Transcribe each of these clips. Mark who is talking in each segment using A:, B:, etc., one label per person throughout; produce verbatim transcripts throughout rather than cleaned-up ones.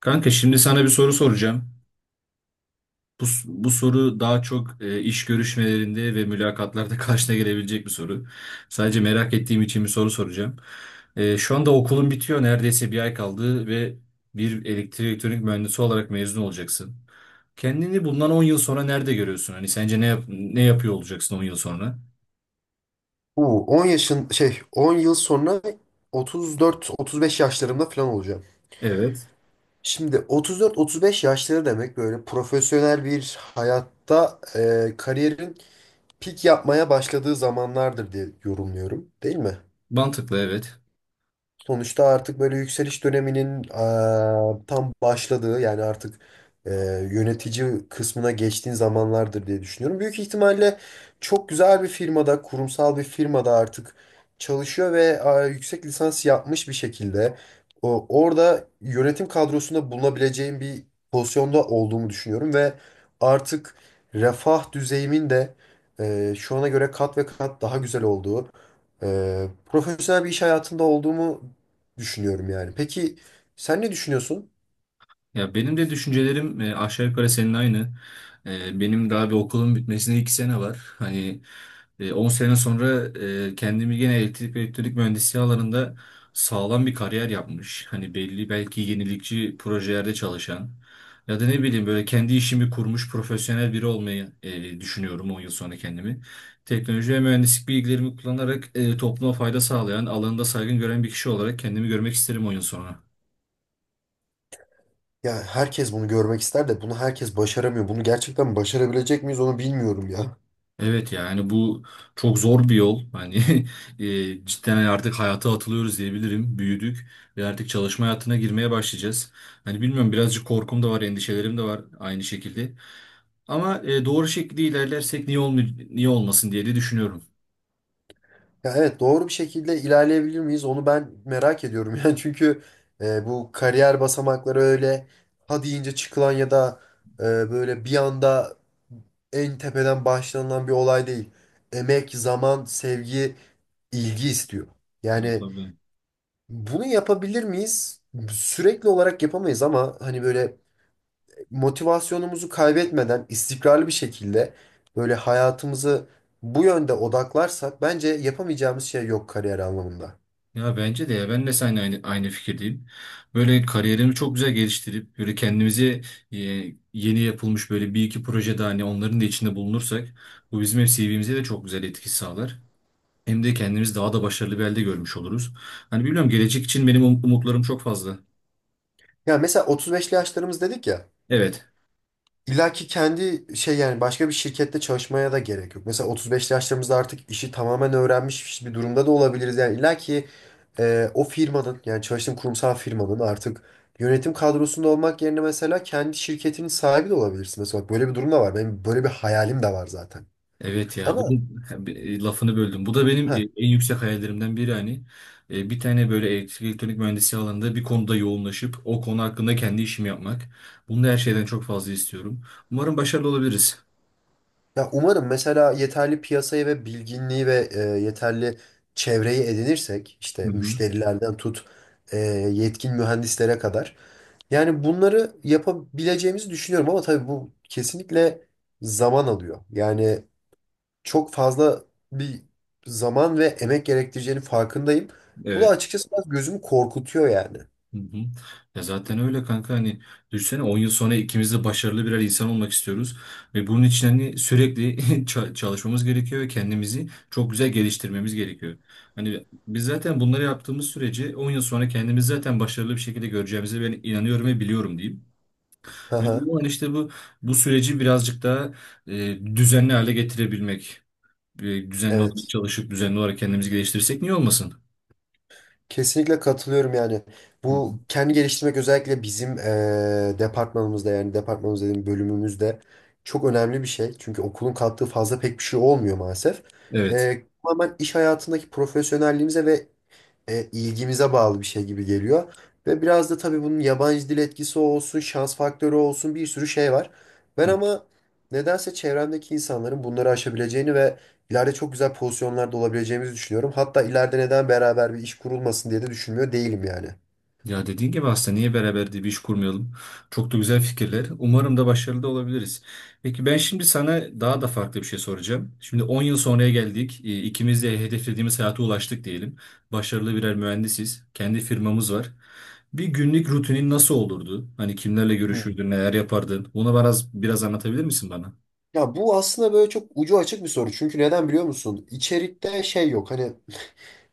A: Kanka şimdi sana bir soru soracağım. Bu, bu soru daha çok e, iş görüşmelerinde ve mülakatlarda karşına gelebilecek bir soru. Sadece merak ettiğim için bir soru soracağım. E, şu anda okulun bitiyor. Neredeyse bir ay kaldı ve bir elektrik elektronik mühendisi olarak mezun olacaksın. Kendini bundan on yıl sonra nerede görüyorsun? Hani sence ne yap- ne yapıyor olacaksın on yıl sonra?
B: Bu 10 yaşın şey on yıl sonra otuz dört otuz beş yaşlarımda falan olacağım.
A: Evet.
B: Şimdi otuz dört otuz beş yaşları demek böyle profesyonel bir hayatta e, kariyerin pik yapmaya başladığı zamanlardır diye yorumluyorum, değil mi?
A: Mantıklı, evet.
B: Sonuçta artık böyle yükseliş döneminin eee, tam başladığı yani artık eee, yönetici kısmına geçtiğin zamanlardır diye düşünüyorum. Büyük ihtimalle çok güzel bir firmada, kurumsal bir firmada artık çalışıyor ve eee, yüksek lisans yapmış bir şekilde o, orada yönetim kadrosunda bulunabileceğim bir pozisyonda olduğumu düşünüyorum ve artık refah düzeyimin de eee, şu ana göre kat ve kat daha güzel olduğu e, profesyonel bir iş hayatında olduğumu düşünüyorum yani. Peki sen ne düşünüyorsun?
A: Ya benim de düşüncelerim e, aşağı yukarı senin aynı. E, benim daha bir okulun bitmesine iki sene var. Hani e, on sene sonra e, kendimi gene elektrik ve elektronik mühendisliği alanında sağlam bir kariyer yapmış. Hani belli, belki yenilikçi projelerde çalışan ya da ne bileyim böyle kendi işimi kurmuş profesyonel biri olmayı e, düşünüyorum on yıl sonra kendimi. Teknoloji ve mühendislik bilgilerimi kullanarak e, topluma fayda sağlayan, alanında saygın gören bir kişi olarak kendimi görmek isterim on yıl sonra.
B: Ya herkes bunu görmek ister de bunu herkes başaramıyor. Bunu gerçekten başarabilecek miyiz onu bilmiyorum ya.
A: Evet, yani bu çok zor bir yol. Hani e, cidden hani artık hayata atılıyoruz diyebilirim. Büyüdük ve artık çalışma hayatına girmeye başlayacağız. Hani bilmiyorum, birazcık korkum da var, endişelerim de var aynı şekilde. Ama e, doğru şekilde ilerlersek niye olm- niye olmasın diye de düşünüyorum.
B: Ya evet doğru bir şekilde ilerleyebilir miyiz onu ben merak ediyorum. Yani çünkü e, bu kariyer basamakları öyle ha deyince çıkılan ya da e, böyle bir anda en tepeden başlanılan bir olay değil. Emek, zaman, sevgi, ilgi istiyor.
A: Ya
B: Yani
A: tabii.
B: bunu yapabilir miyiz? Sürekli olarak yapamayız ama hani böyle motivasyonumuzu kaybetmeden istikrarlı bir şekilde böyle hayatımızı bu yönde odaklarsak bence yapamayacağımız şey yok kariyer anlamında.
A: Ya bence de, ya ben de seninle aynı, aynı fikirdeyim. Böyle kariyerimi çok güzel geliştirip böyle kendimize e, yeni yapılmış böyle bir iki projede hani onların da içinde bulunursak bu bizim hep C V'mize de çok güzel etki sağlar. Hem de kendimiz daha da başarılı bir halde görmüş oluruz. Hani bilmiyorum, gelecek için benim um- umutlarım çok fazla.
B: Yani mesela otuz beşli yaşlarımız dedik ya.
A: Evet.
B: İlla ki kendi şey yani başka bir şirkette çalışmaya da gerek yok. Mesela otuz beşli yaşlarımızda artık işi tamamen öğrenmiş bir durumda da olabiliriz. Yani illa ki e, o firmanın yani çalıştığım kurumsal firmanın artık yönetim kadrosunda olmak yerine mesela kendi şirketinin sahibi de olabilirsin. Mesela bak böyle bir durum da var. Benim böyle bir hayalim de var zaten.
A: Evet ya,
B: Ama
A: bunun e, lafını böldüm. Bu da benim
B: Heh.
A: e, en yüksek hayallerimden biri hani. E, Bir tane böyle elektrik elektronik mühendisliği alanında bir konuda yoğunlaşıp o konu hakkında kendi işimi yapmak. Bunu da her şeyden çok fazla istiyorum. Umarım başarılı olabiliriz.
B: Ya umarım mesela yeterli piyasayı ve bilginliği ve e, yeterli çevreyi edinirsek
A: Hı
B: işte
A: hı.
B: müşterilerden tut e, yetkin mühendislere kadar. Yani bunları yapabileceğimizi düşünüyorum ama tabii bu kesinlikle zaman alıyor. Yani çok fazla bir zaman ve emek gerektireceğinin farkındayım. Bu da
A: Evet.
B: açıkçası biraz gözümü korkutuyor yani.
A: Hı hı. Ya zaten öyle kanka, hani düşünsene on yıl sonra ikimiz de başarılı birer insan olmak istiyoruz ve bunun için hani sürekli ça- çalışmamız gerekiyor ve kendimizi çok güzel geliştirmemiz gerekiyor. Hani biz zaten bunları yaptığımız sürece on yıl sonra kendimizi zaten başarılı bir şekilde göreceğimize ben inanıyorum ve biliyorum diyeyim.
B: Haha,
A: Önemli olan işte bu bu süreci birazcık daha e, düzenli hale getirebilmek. E, düzenli olarak
B: evet.
A: çalışıp düzenli olarak kendimizi geliştirirsek niye olmasın?
B: Kesinlikle katılıyorum yani.
A: Hı
B: Bu
A: hı.
B: kendi geliştirmek özellikle bizim eee, departmanımızda yani departmanımız dediğim bölümümüzde çok önemli bir şey. Çünkü okulun kattığı fazla pek bir şey olmuyor maalesef.
A: Evet.
B: Eee tamamen iş hayatındaki profesyonelliğimize ve e, ilgimize bağlı bir şey gibi geliyor. Ve biraz da tabii bunun yabancı dil etkisi olsun, şans faktörü olsun bir sürü şey var. Ben ama nedense çevremdeki insanların bunları aşabileceğini ve İleride çok güzel pozisyonlarda olabileceğimizi düşünüyorum. Hatta ileride neden beraber bir iş kurulmasın diye de düşünmüyor değilim yani.
A: Ya dediğin gibi aslında niye beraber diye bir iş kurmayalım? Çok da güzel fikirler. Umarım da başarılı da olabiliriz. Peki ben şimdi sana daha da farklı bir şey soracağım. Şimdi on yıl sonraya geldik. E, İkimiz de hedeflediğimiz hayata ulaştık diyelim. Başarılı birer mühendisiz. Kendi firmamız var. Bir günlük rutinin nasıl olurdu? Hani kimlerle
B: Hmm.
A: görüşürdün, neler yapardın? Bunu biraz, biraz anlatabilir misin bana?
B: Ya bu aslında böyle çok ucu açık bir soru. Çünkü neden biliyor musun? İçerikte şey yok. Hani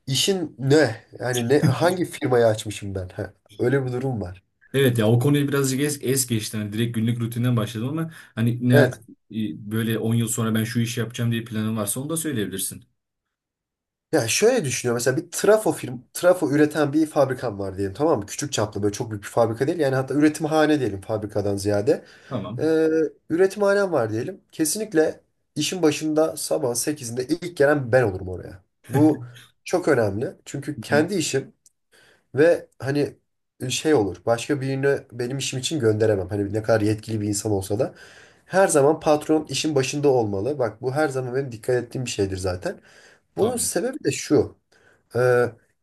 B: işin ne? Yani ne hangi firmayı açmışım ben? Ha, öyle bir durum var.
A: Evet ya, o konuyu birazcık es, es geçti. Hani direkt günlük rutinden başladım ama hani ne e,
B: Evet.
A: böyle on yıl sonra ben şu işi yapacağım diye planın varsa onu da söyleyebilirsin.
B: Ya şöyle düşünüyorum. Mesela bir trafo firm, trafo üreten bir fabrikam var diyelim tamam mı? Küçük çaplı böyle çok büyük bir fabrika değil. Yani hatta üretimhane diyelim fabrikadan ziyade.
A: Tamam.
B: Ee, üretimhanem var diyelim. Kesinlikle işin başında sabah sekizinde ilk gelen ben olurum oraya. Bu çok önemli. Çünkü
A: Hı hı.
B: kendi işim ve hani e, şey olur. Başka birini benim işim için gönderemem. Hani ne kadar yetkili bir insan olsa da. Her zaman patron işin başında olmalı. Bak bu her zaman benim dikkat ettiğim bir şeydir zaten. Bunun
A: Tabii.
B: sebebi de şu. Ee,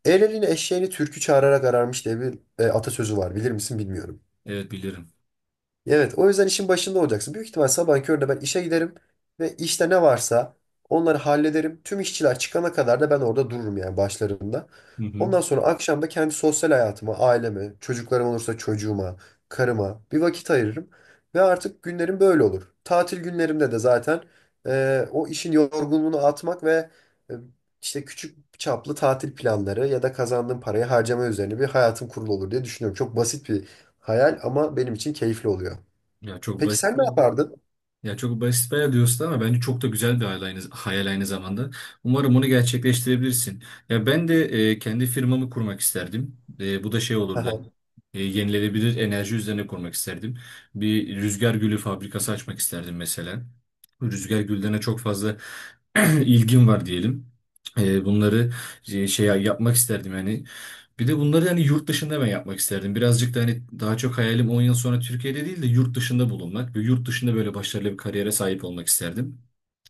B: el elini eşeğini türkü çağırarak ararmış diye bir e, atasözü var. Bilir misin bilmiyorum.
A: Evet bilirim.
B: Evet, o yüzden işin başında olacaksın. Büyük ihtimal sabah köründe ben işe giderim ve işte ne varsa onları hallederim. Tüm işçiler çıkana kadar da ben orada dururum yani başlarında.
A: Hı hı.
B: Ondan sonra akşam da kendi sosyal hayatıma, aileme, çocuklarım olursa çocuğuma, karıma bir vakit ayırırım. Ve artık günlerim böyle olur. Tatil günlerimde de zaten e, o işin yorgunluğunu atmak ve e, işte küçük çaplı tatil planları ya da kazandığım parayı harcama üzerine bir hayatım kurulu olur diye düşünüyorum. Çok basit bir hayal ama benim için keyifli oluyor.
A: Ya çok
B: Peki
A: basit.
B: sen ne yapardın?
A: Ya çok basit bayağı diyorsun ama bence çok da güzel bir hayal aynı, hayal aynı zamanda. Umarım onu gerçekleştirebilirsin. Ya ben de e, kendi firmamı kurmak isterdim. E, bu da şey olurdu.
B: Aha.
A: Hani, e, yenilenebilir enerji üzerine kurmak isterdim. Bir rüzgar gülü fabrikası açmak isterdim mesela. Rüzgar güllerine çok fazla ilgim var diyelim. E, bunları e, şey yapmak isterdim yani. Bir de bunları hani yurt dışında ben yapmak isterdim. Birazcık da hani daha çok hayalim on yıl sonra Türkiye'de değil de yurt dışında bulunmak ve yurt dışında böyle başarılı bir kariyere sahip olmak isterdim.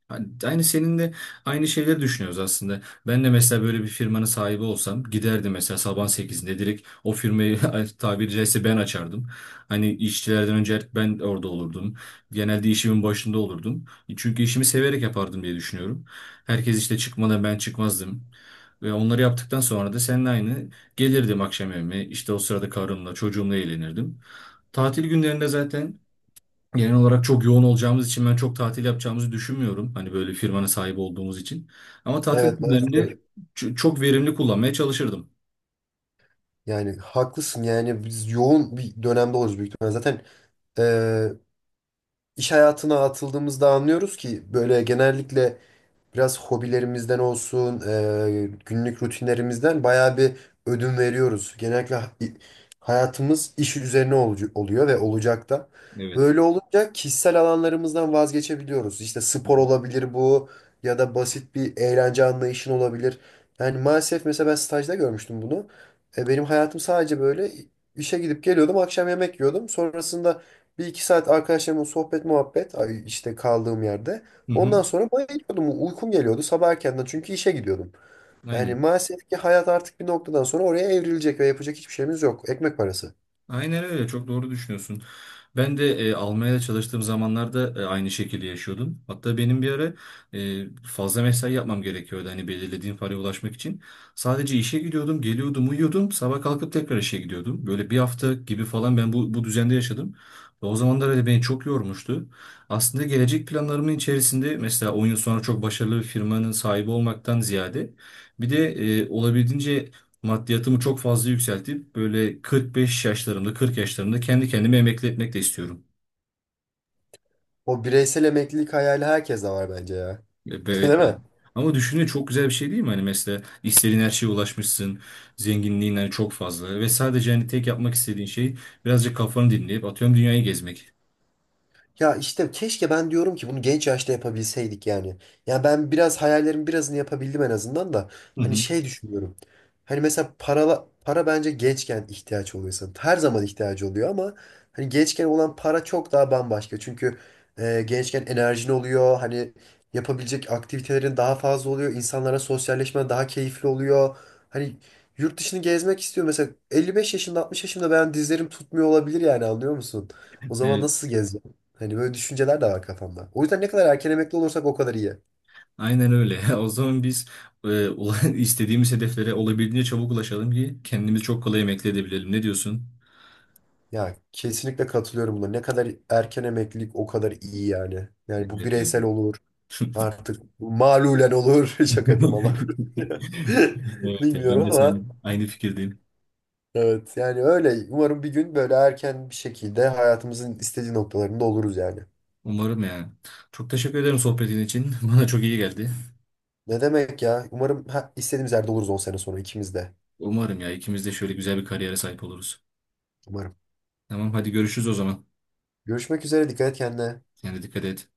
A: Hani aynı senin de aynı şeyleri düşünüyoruz aslında. Ben de mesela böyle bir firmanın sahibi olsam giderdim mesela sabah sekizinde direkt o firmayı tabiri caizse ben açardım. Hani işçilerden önce artık ben orada olurdum. Genelde işimin başında olurdum. E, Çünkü işimi severek yapardım diye düşünüyorum. Herkes işte çıkmadan ben çıkmazdım. Ve onları yaptıktan sonra da seninle aynı gelirdim akşam evime. İşte o sırada karımla çocuğumla eğlenirdim. Tatil günlerinde zaten genel olarak çok yoğun olacağımız için ben çok tatil yapacağımızı düşünmüyorum. Hani böyle firmanın sahibi olduğumuz için. Ama tatil
B: Evet
A: günlerinde
B: maalesef.
A: ç- çok verimli kullanmaya çalışırdım.
B: Yani haklısın yani biz yoğun bir dönemde oluruz büyük ihtimalle. Zaten e, iş hayatına atıldığımızda anlıyoruz ki böyle genellikle biraz hobilerimizden olsun, e, günlük rutinlerimizden bayağı bir ödün veriyoruz. Genellikle ha- i- hayatımız iş üzerine olucu- oluyor ve olacak da.
A: Evet.
B: Böyle olunca kişisel alanlarımızdan vazgeçebiliyoruz. İşte
A: Hı
B: spor
A: hı.
B: olabilir bu ya da basit bir eğlence anlayışın olabilir. Yani maalesef mesela ben stajda görmüştüm bunu. E, benim hayatım sadece böyle işe gidip geliyordum, akşam yemek yiyordum. Sonrasında bir iki saat arkadaşlarımla sohbet muhabbet ay, işte kaldığım yerde.
A: Hı hı.
B: Ondan sonra bayılıyordum. Uykum geliyordu sabah erkenden çünkü işe gidiyordum. Yani
A: Aynen.
B: maalesef ki hayat artık bir noktadan sonra oraya evrilecek ve yapacak hiçbir şeyimiz yok. Ekmek parası.
A: Aynen öyle, çok doğru düşünüyorsun. Ben de e, Almanya'da çalıştığım zamanlarda e, aynı şekilde yaşıyordum. Hatta benim bir ara e, fazla mesai yapmam gerekiyordu hani belirlediğim paraya ulaşmak için. Sadece işe gidiyordum, geliyordum, uyuyordum. Sabah kalkıp tekrar işe gidiyordum. Böyle bir hafta gibi falan ben bu, bu düzende yaşadım. Ve o zamanlar öyle beni çok yormuştu. Aslında gelecek planlarımın içerisinde mesela on yıl sonra çok başarılı bir firmanın sahibi olmaktan ziyade bir de e, olabildiğince maddiyatımı çok fazla yükseltip böyle kırk beş yaşlarımda kırk yaşlarımda kendi kendimi emekli etmek de istiyorum.
B: O bireysel emeklilik hayali herkes de var bence ya.
A: E, Evet.
B: Değil mi?
A: Ama düşünün, çok güzel bir şey değil mi? Hani mesela istediğin her şeye ulaşmışsın. Zenginliğin hani çok fazla. Ve sadece hani tek yapmak istediğin şey birazcık kafanı dinleyip atıyorum dünyayı gezmek.
B: Ya işte keşke ben diyorum ki bunu genç yaşta yapabilseydik yani. Ya ben biraz hayallerimin birazını yapabildim en azından da.
A: Hı
B: Hani
A: hı.
B: şey düşünüyorum. Hani mesela para, para bence gençken ihtiyaç oluyor insanın. Her zaman ihtiyacı oluyor ama hani gençken olan para çok daha bambaşka. Çünkü e, gençken enerjin oluyor. Hani yapabilecek aktivitelerin daha fazla oluyor. İnsanlara sosyalleşmen daha keyifli oluyor. Hani yurt dışını gezmek istiyor. Mesela elli beş yaşında altmış yaşında ben dizlerim tutmuyor olabilir yani anlıyor musun? O zaman
A: Evet,
B: nasıl gezeceğim? Hani böyle düşünceler de var kafamda. O yüzden ne kadar erken emekli olursak o kadar iyi.
A: aynen öyle. O zaman biz e, ula- istediğimiz hedeflere olabildiğince çabuk ulaşalım ki kendimizi çok kolay emekli edebilelim. Ne diyorsun?
B: Ya kesinlikle katılıyorum buna. Ne kadar erken emeklilik o kadar iyi yani. Yani bu
A: Evet yani.
B: bireysel olur. Artık malulen olur. Şaka yapıyorum Allah korusun.
A: Evet, ya, ben
B: Bilmiyorum
A: de
B: ama
A: sen aynı fikirdeyim.
B: evet yani öyle. Umarım bir gün böyle erken bir şekilde hayatımızın istediği noktalarında oluruz yani.
A: Umarım yani. Çok teşekkür ederim sohbetin için. Bana çok iyi geldi.
B: Ne demek ya? Umarım ha, istediğimiz yerde oluruz on sene sonra ikimiz de.
A: Umarım ya, ikimiz de şöyle güzel bir kariyere sahip oluruz.
B: Umarım.
A: Tamam, hadi görüşürüz o zaman.
B: Görüşmek üzere. Dikkat et kendine.
A: Yani dikkat et.